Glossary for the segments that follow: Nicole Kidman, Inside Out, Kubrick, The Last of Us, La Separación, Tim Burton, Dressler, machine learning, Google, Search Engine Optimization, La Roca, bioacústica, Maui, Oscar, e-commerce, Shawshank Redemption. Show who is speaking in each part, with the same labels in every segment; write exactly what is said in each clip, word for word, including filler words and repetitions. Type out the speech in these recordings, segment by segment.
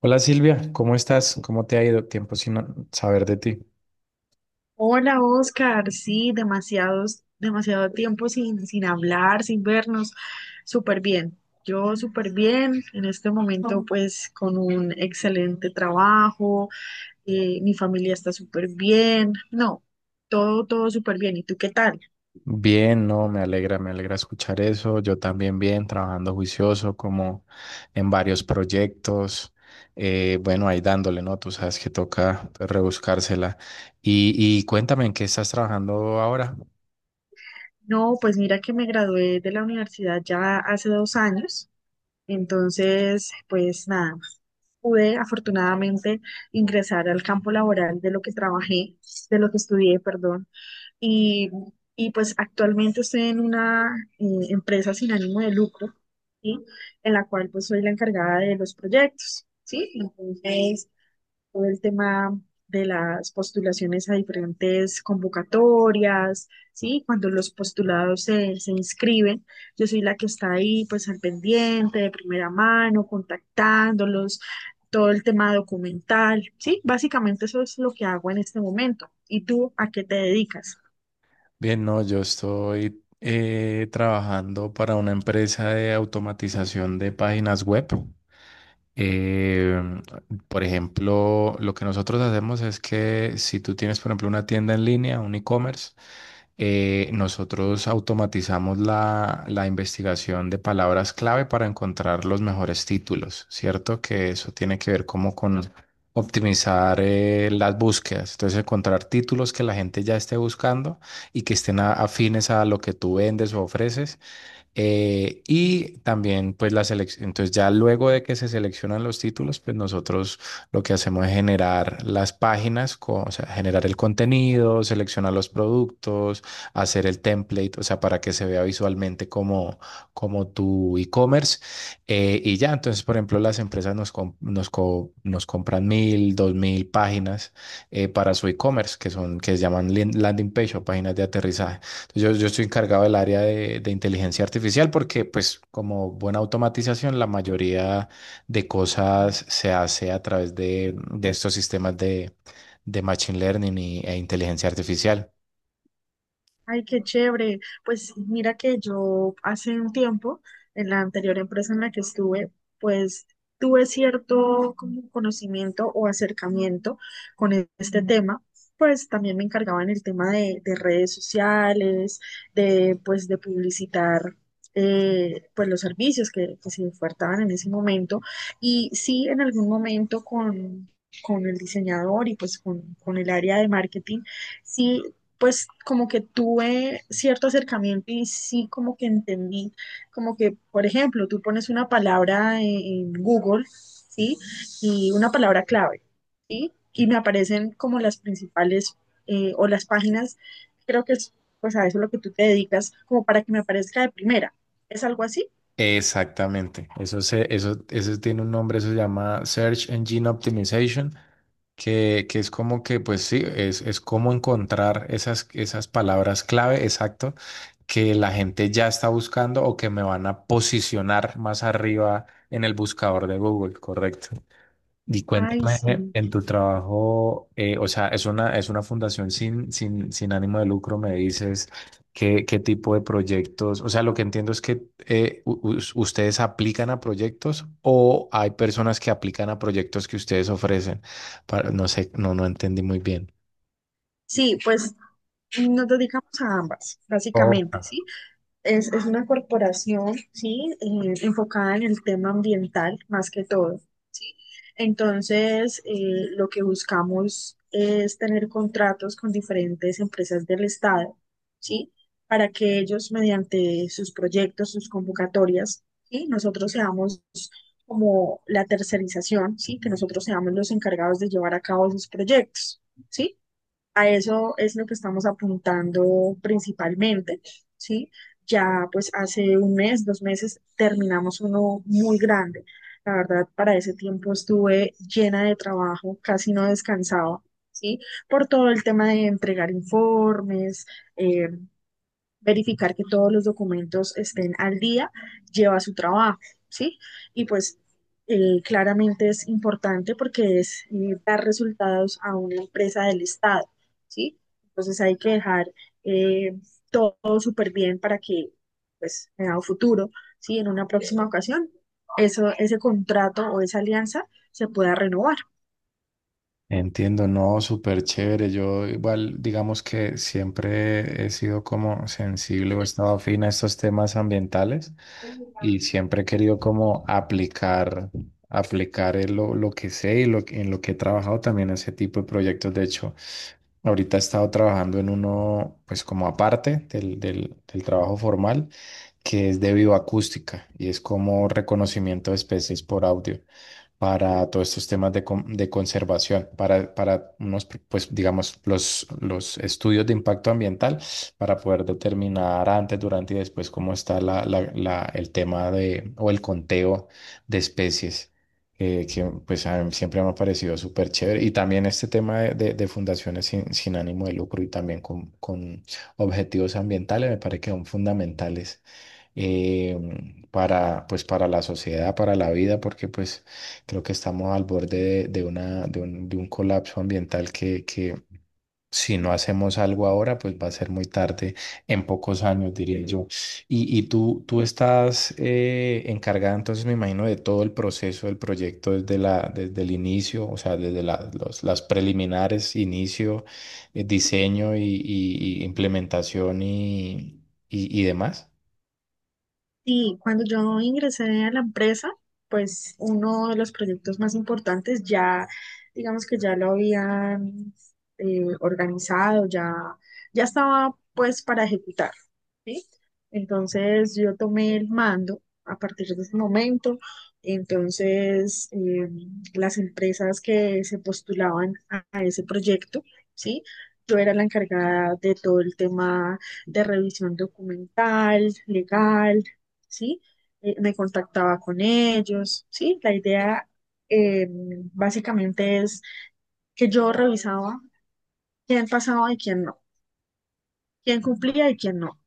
Speaker 1: Hola Silvia, ¿cómo estás? ¿Cómo te ha ido? Tiempo sin no- saber de ti.
Speaker 2: Hola Oscar, sí, demasiados, demasiado tiempo sin, sin hablar, sin vernos. Súper bien, yo súper bien. En este momento pues con un excelente trabajo, eh, mi familia está súper bien. No, todo, todo súper bien. ¿Y tú qué tal?
Speaker 1: Bien, no, me alegra, me alegra escuchar eso. Yo también bien, trabajando juicioso, como en varios proyectos. Eh, bueno, ahí dándole, ¿no? Tú sabes que toca, pues, rebuscársela. Y, y cuéntame, ¿en qué estás trabajando ahora?
Speaker 2: No, pues mira que me gradué de la universidad ya hace dos años. Entonces, pues nada, pude afortunadamente ingresar al campo laboral de lo que trabajé, de lo que estudié, perdón. Y, y pues actualmente estoy en una eh, empresa sin ánimo de lucro, ¿sí? En la cual pues soy la encargada de los proyectos, ¿sí? Entonces, todo el tema de las postulaciones a diferentes convocatorias, ¿sí? Cuando los postulados se, se inscriben, yo soy la que está ahí pues al pendiente, de primera mano, contactándolos, todo el tema documental, ¿sí? Básicamente eso es lo que hago en este momento. ¿Y tú a qué te dedicas?
Speaker 1: Bien, no, yo estoy eh, trabajando para una empresa de automatización de páginas web. Eh, por ejemplo, lo que nosotros hacemos es que si tú tienes, por ejemplo, una tienda en línea, un e-commerce, eh, nosotros automatizamos la, la investigación de palabras clave para encontrar los mejores títulos, ¿cierto? Que eso tiene que ver como con optimizar eh, las búsquedas, entonces encontrar títulos que la gente ya esté buscando y que estén a- afines a lo que tú vendes o ofreces eh, y también, pues, la selección. Entonces, ya luego de que se seleccionan los títulos, pues nosotros lo que hacemos es generar las páginas, co- o sea, generar el contenido, seleccionar los productos, hacer el template, o sea, para que se vea visualmente como, como tu e-commerce. Eh, y ya, entonces, por ejemplo, las empresas nos, com- nos, co- nos compran mil, dos mil páginas eh, para su e-commerce, que son, que se llaman lin- landing page o páginas de aterrizaje. Yo, yo estoy encargado del área de, de inteligencia artificial porque, pues, como buena automatización, la mayoría de cosas se hace a través de, de estos sistemas de, de machine learning y- e inteligencia artificial.
Speaker 2: Ay, qué chévere. Pues mira que yo hace un tiempo, en la anterior empresa en la que estuve, pues tuve cierto como conocimiento o acercamiento con e- este tema. Pues también me encargaba en el tema de, de redes sociales, de pues de publicitar eh, pues los servicios que, que se ofertaban en ese momento. Y sí, en algún momento con, con el diseñador y pues con, con el área de marketing. Sí, pues como que tuve cierto acercamiento y sí como que entendí, como que, por ejemplo, tú pones una palabra en, en Google, ¿sí? Y una palabra clave, ¿sí? Y me aparecen como las principales eh, o las páginas, creo que es pues a eso lo que tú te dedicas, como para que me aparezca de primera. ¿Es algo así?
Speaker 1: Exactamente. Eso se, eso, eso tiene un nombre, eso se llama Search Engine Optimization, que, que es como que, pues sí, es, es como encontrar esas, esas palabras clave, exacto, que la gente ya está buscando o que me van a posicionar más arriba en el buscador de Google, correcto. Y
Speaker 2: Ay,
Speaker 1: cuéntame
Speaker 2: sí.
Speaker 1: en tu trabajo, eh, o sea, es una, es una fundación sin, sin, sin ánimo de lucro, me dices, ¿qué, qué tipo de proyectos? O sea, lo que entiendo es que eh, u- us- ustedes aplican a proyectos o hay personas que aplican a proyectos que ustedes ofrecen. Para- no sé, no, no entendí muy bien.
Speaker 2: Sí, pues nos dedicamos a ambas,
Speaker 1: Oh.
Speaker 2: básicamente, ¿sí? Es, es una corporación, ¿sí? eh, enfocada en el tema ambiental más que todo, ¿sí? Entonces, eh, lo que buscamos es tener contratos con diferentes empresas del Estado, ¿sí? Para que ellos, mediante sus proyectos, sus convocatorias, ¿sí? Nosotros seamos como la tercerización, ¿sí? Que nosotros seamos los encargados de llevar a cabo esos proyectos, ¿sí? A eso es lo que estamos apuntando principalmente, ¿sí? Ya pues hace un mes, dos meses, terminamos uno muy grande. La verdad, para ese tiempo estuve llena de trabajo, casi no descansaba, ¿sí? Por todo el tema de entregar informes, eh, verificar que todos los documentos estén al día, lleva su trabajo, ¿sí? Y pues eh, claramente es importante porque es eh, dar resultados a una empresa del Estado, ¿sí? Entonces hay que dejar eh, todo súper bien para que, pues, en un futuro, ¿sí? En una próxima ocasión, eso, ese contrato o esa alianza se pueda renovar.
Speaker 1: Entiendo, no, súper chévere. Yo igual, digamos que siempre he sido como sensible o he estado afín a estos temas ambientales. Y siempre he querido como aplicar, aplicar en lo, lo que sé y lo, que- en lo que he trabajado también ese tipo de proyectos. De hecho, ahorita he estado trabajando en uno, pues como aparte del, del, del trabajo formal, que es de bioacústica y es como reconocimiento de especies por audio para todos estos temas de, con- de conservación, para, para unos, pues digamos, los, los estudios de impacto ambiental, para poder determinar antes, durante y después cómo está la, la- la- el tema de, o el conteo de especies. Eh, que pues a mí siempre me ha parecido súper chévere. Y también este tema de, de- de fundaciones sin, sin ánimo de lucro y también con, con objetivos ambientales me parece que son fundamentales, eh, para, pues, para la sociedad, para la vida, porque pues creo que estamos al borde de, de una, de un, de un colapso ambiental que, que si no hacemos algo ahora, pues va a ser muy tarde, en pocos años, diría yo. Y, y tú, tú estás eh, encargada, entonces me imagino, de todo el proceso del proyecto desde la, desde el inicio, o sea, desde la- los- las preliminares, inicio, eh, diseño y, y- y implementación y, y y demás.
Speaker 2: Sí, cuando yo ingresé a la empresa, pues uno de los proyectos más importantes ya, digamos que ya lo habían eh, organizado, ya, ya estaba pues para ejecutar. ¿Sí? Entonces yo tomé el mando a partir de ese momento. Entonces eh, las empresas que se postulaban a, a ese proyecto, ¿sí? Yo era la encargada de todo el tema de revisión documental, legal, ¿sí? Eh, me contactaba con ellos, ¿sí? La idea eh, básicamente es que yo revisaba quién pasaba y quién no, quién cumplía y quién no.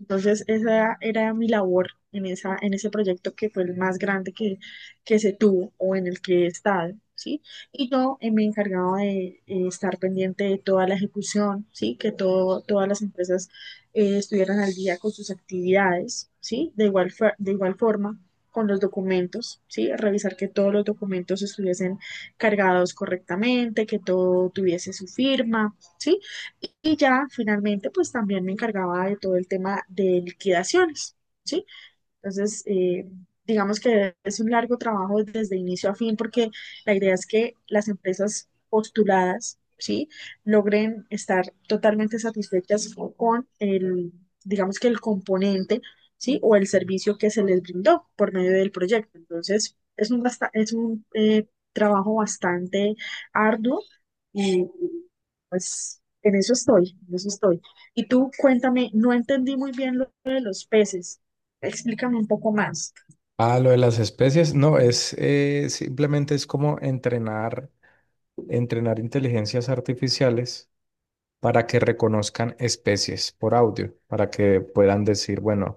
Speaker 2: Entonces, esa era mi labor en esa, en ese proyecto que fue el más grande que, que se tuvo o en el que he estado, ¿sí? Y yo eh, me encargaba de eh, estar pendiente de toda la ejecución, ¿sí? Que todo, todas las empresas eh, estuvieran al día con sus actividades, ¿sí? De igual, fa- de igual forma con los documentos, ¿sí? Revisar que todos los documentos estuviesen cargados correctamente, que todo tuviese su firma, ¿sí? Y ya finalmente, pues también me encargaba de todo el tema de liquidaciones, ¿sí? Entonces, eh, digamos que es un largo trabajo desde inicio a fin, porque la idea es que las empresas postuladas, ¿sí? logren estar totalmente satisfechas con el, digamos que el componente, ¿sí? o el servicio que se les brindó por medio del proyecto. Entonces, es un, basta- es un eh, trabajo bastante arduo y pues en eso estoy, en eso estoy. Y tú cuéntame, no entendí muy bien lo de los peces. Explícame un poco más.
Speaker 1: Ah, lo de las especies, no, es eh, simplemente es como entrenar, entrenar inteligencias artificiales para que reconozcan especies por audio, para que puedan decir, bueno,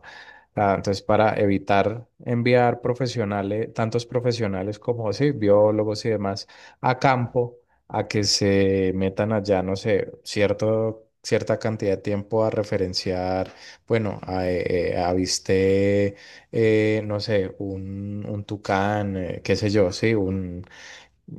Speaker 1: ah, entonces para evitar enviar profesionales, tantos profesionales como sí, biólogos y demás, a campo, a que se metan allá, no sé, cierto, cierta cantidad de tiempo a referenciar, bueno, a, eh, eh, avisté, eh, no sé, un, un tucán, eh, qué sé yo, sí, un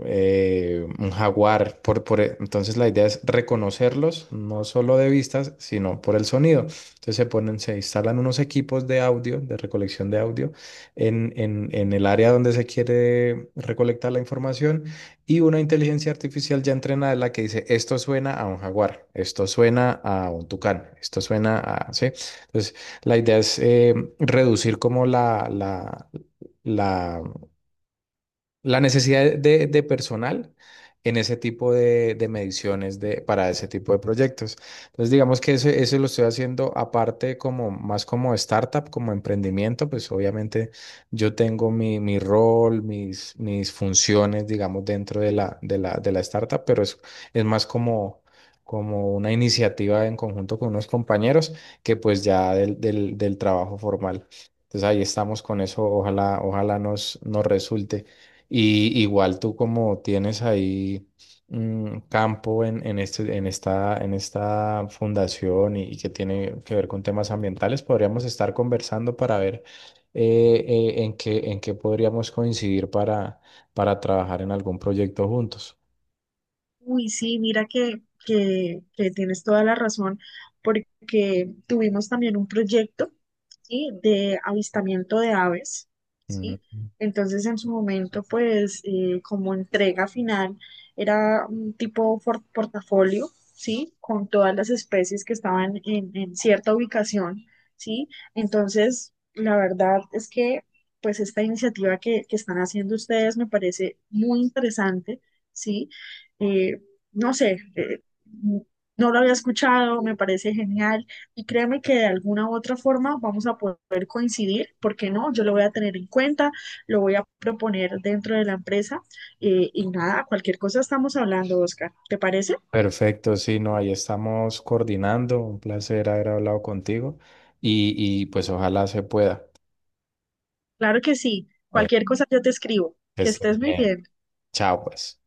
Speaker 1: eh, un jaguar. Por, por, e-, entonces la idea es reconocerlos, no solo de vistas, sino por el sonido. Entonces se ponen, se instalan unos equipos de audio, de recolección de audio, en, en, en el área donde se quiere recolectar la información y una inteligencia artificial ya entrenada es la que dice, esto suena a un jaguar, esto suena a un tucán, esto suena a... ¿sí? Entonces la idea es eh, reducir como la... la la la necesidad de, de personal en ese tipo de, de mediciones de, para ese tipo de proyectos. Entonces, digamos que eso, eso lo estoy haciendo aparte como más como startup, como emprendimiento, pues obviamente yo tengo mi, mi rol, mis, mis funciones, digamos, dentro de la, de la, de la startup, pero es, es más como, como una iniciativa en conjunto con unos compañeros que pues ya del, del, del trabajo formal. Entonces ahí estamos con eso, ojalá, ojalá nos, nos resulte. Y igual tú como tienes ahí un campo en, en, este, en, esta, en esta fundación y, y que tiene que ver con temas ambientales, podríamos estar conversando para ver eh, eh, en qué, en qué podríamos coincidir para, para trabajar en algún proyecto juntos.
Speaker 2: Uy, sí, mira que, que, que tienes toda la razón, porque tuvimos también un proyecto. ¿Sí? De avistamiento de aves,
Speaker 1: Mm.
Speaker 2: ¿sí? Entonces, en su momento, pues, eh, como entrega final, era un tipo for- portafolio, ¿sí? Con todas las especies que estaban en, en cierta ubicación, ¿sí? Entonces, la verdad es que, pues, esta iniciativa que, que están haciendo ustedes me parece muy interesante, ¿sí? Eh, no sé, eh, no lo había escuchado, me parece genial. Y créeme que de alguna u otra forma vamos a poder coincidir, porque no? Yo lo voy a tener en cuenta, lo voy a proponer dentro de la empresa eh, y nada, cualquier cosa estamos hablando, Oscar. ¿Te parece?
Speaker 1: Perfecto, sí, no, ahí estamos coordinando. Un placer haber hablado contigo y, y pues ojalá se pueda.
Speaker 2: Claro que sí.
Speaker 1: Bueno,
Speaker 2: Cualquier cosa yo te escribo.
Speaker 1: que
Speaker 2: Que
Speaker 1: estés
Speaker 2: estés muy
Speaker 1: bien.
Speaker 2: bien.
Speaker 1: Chao, pues.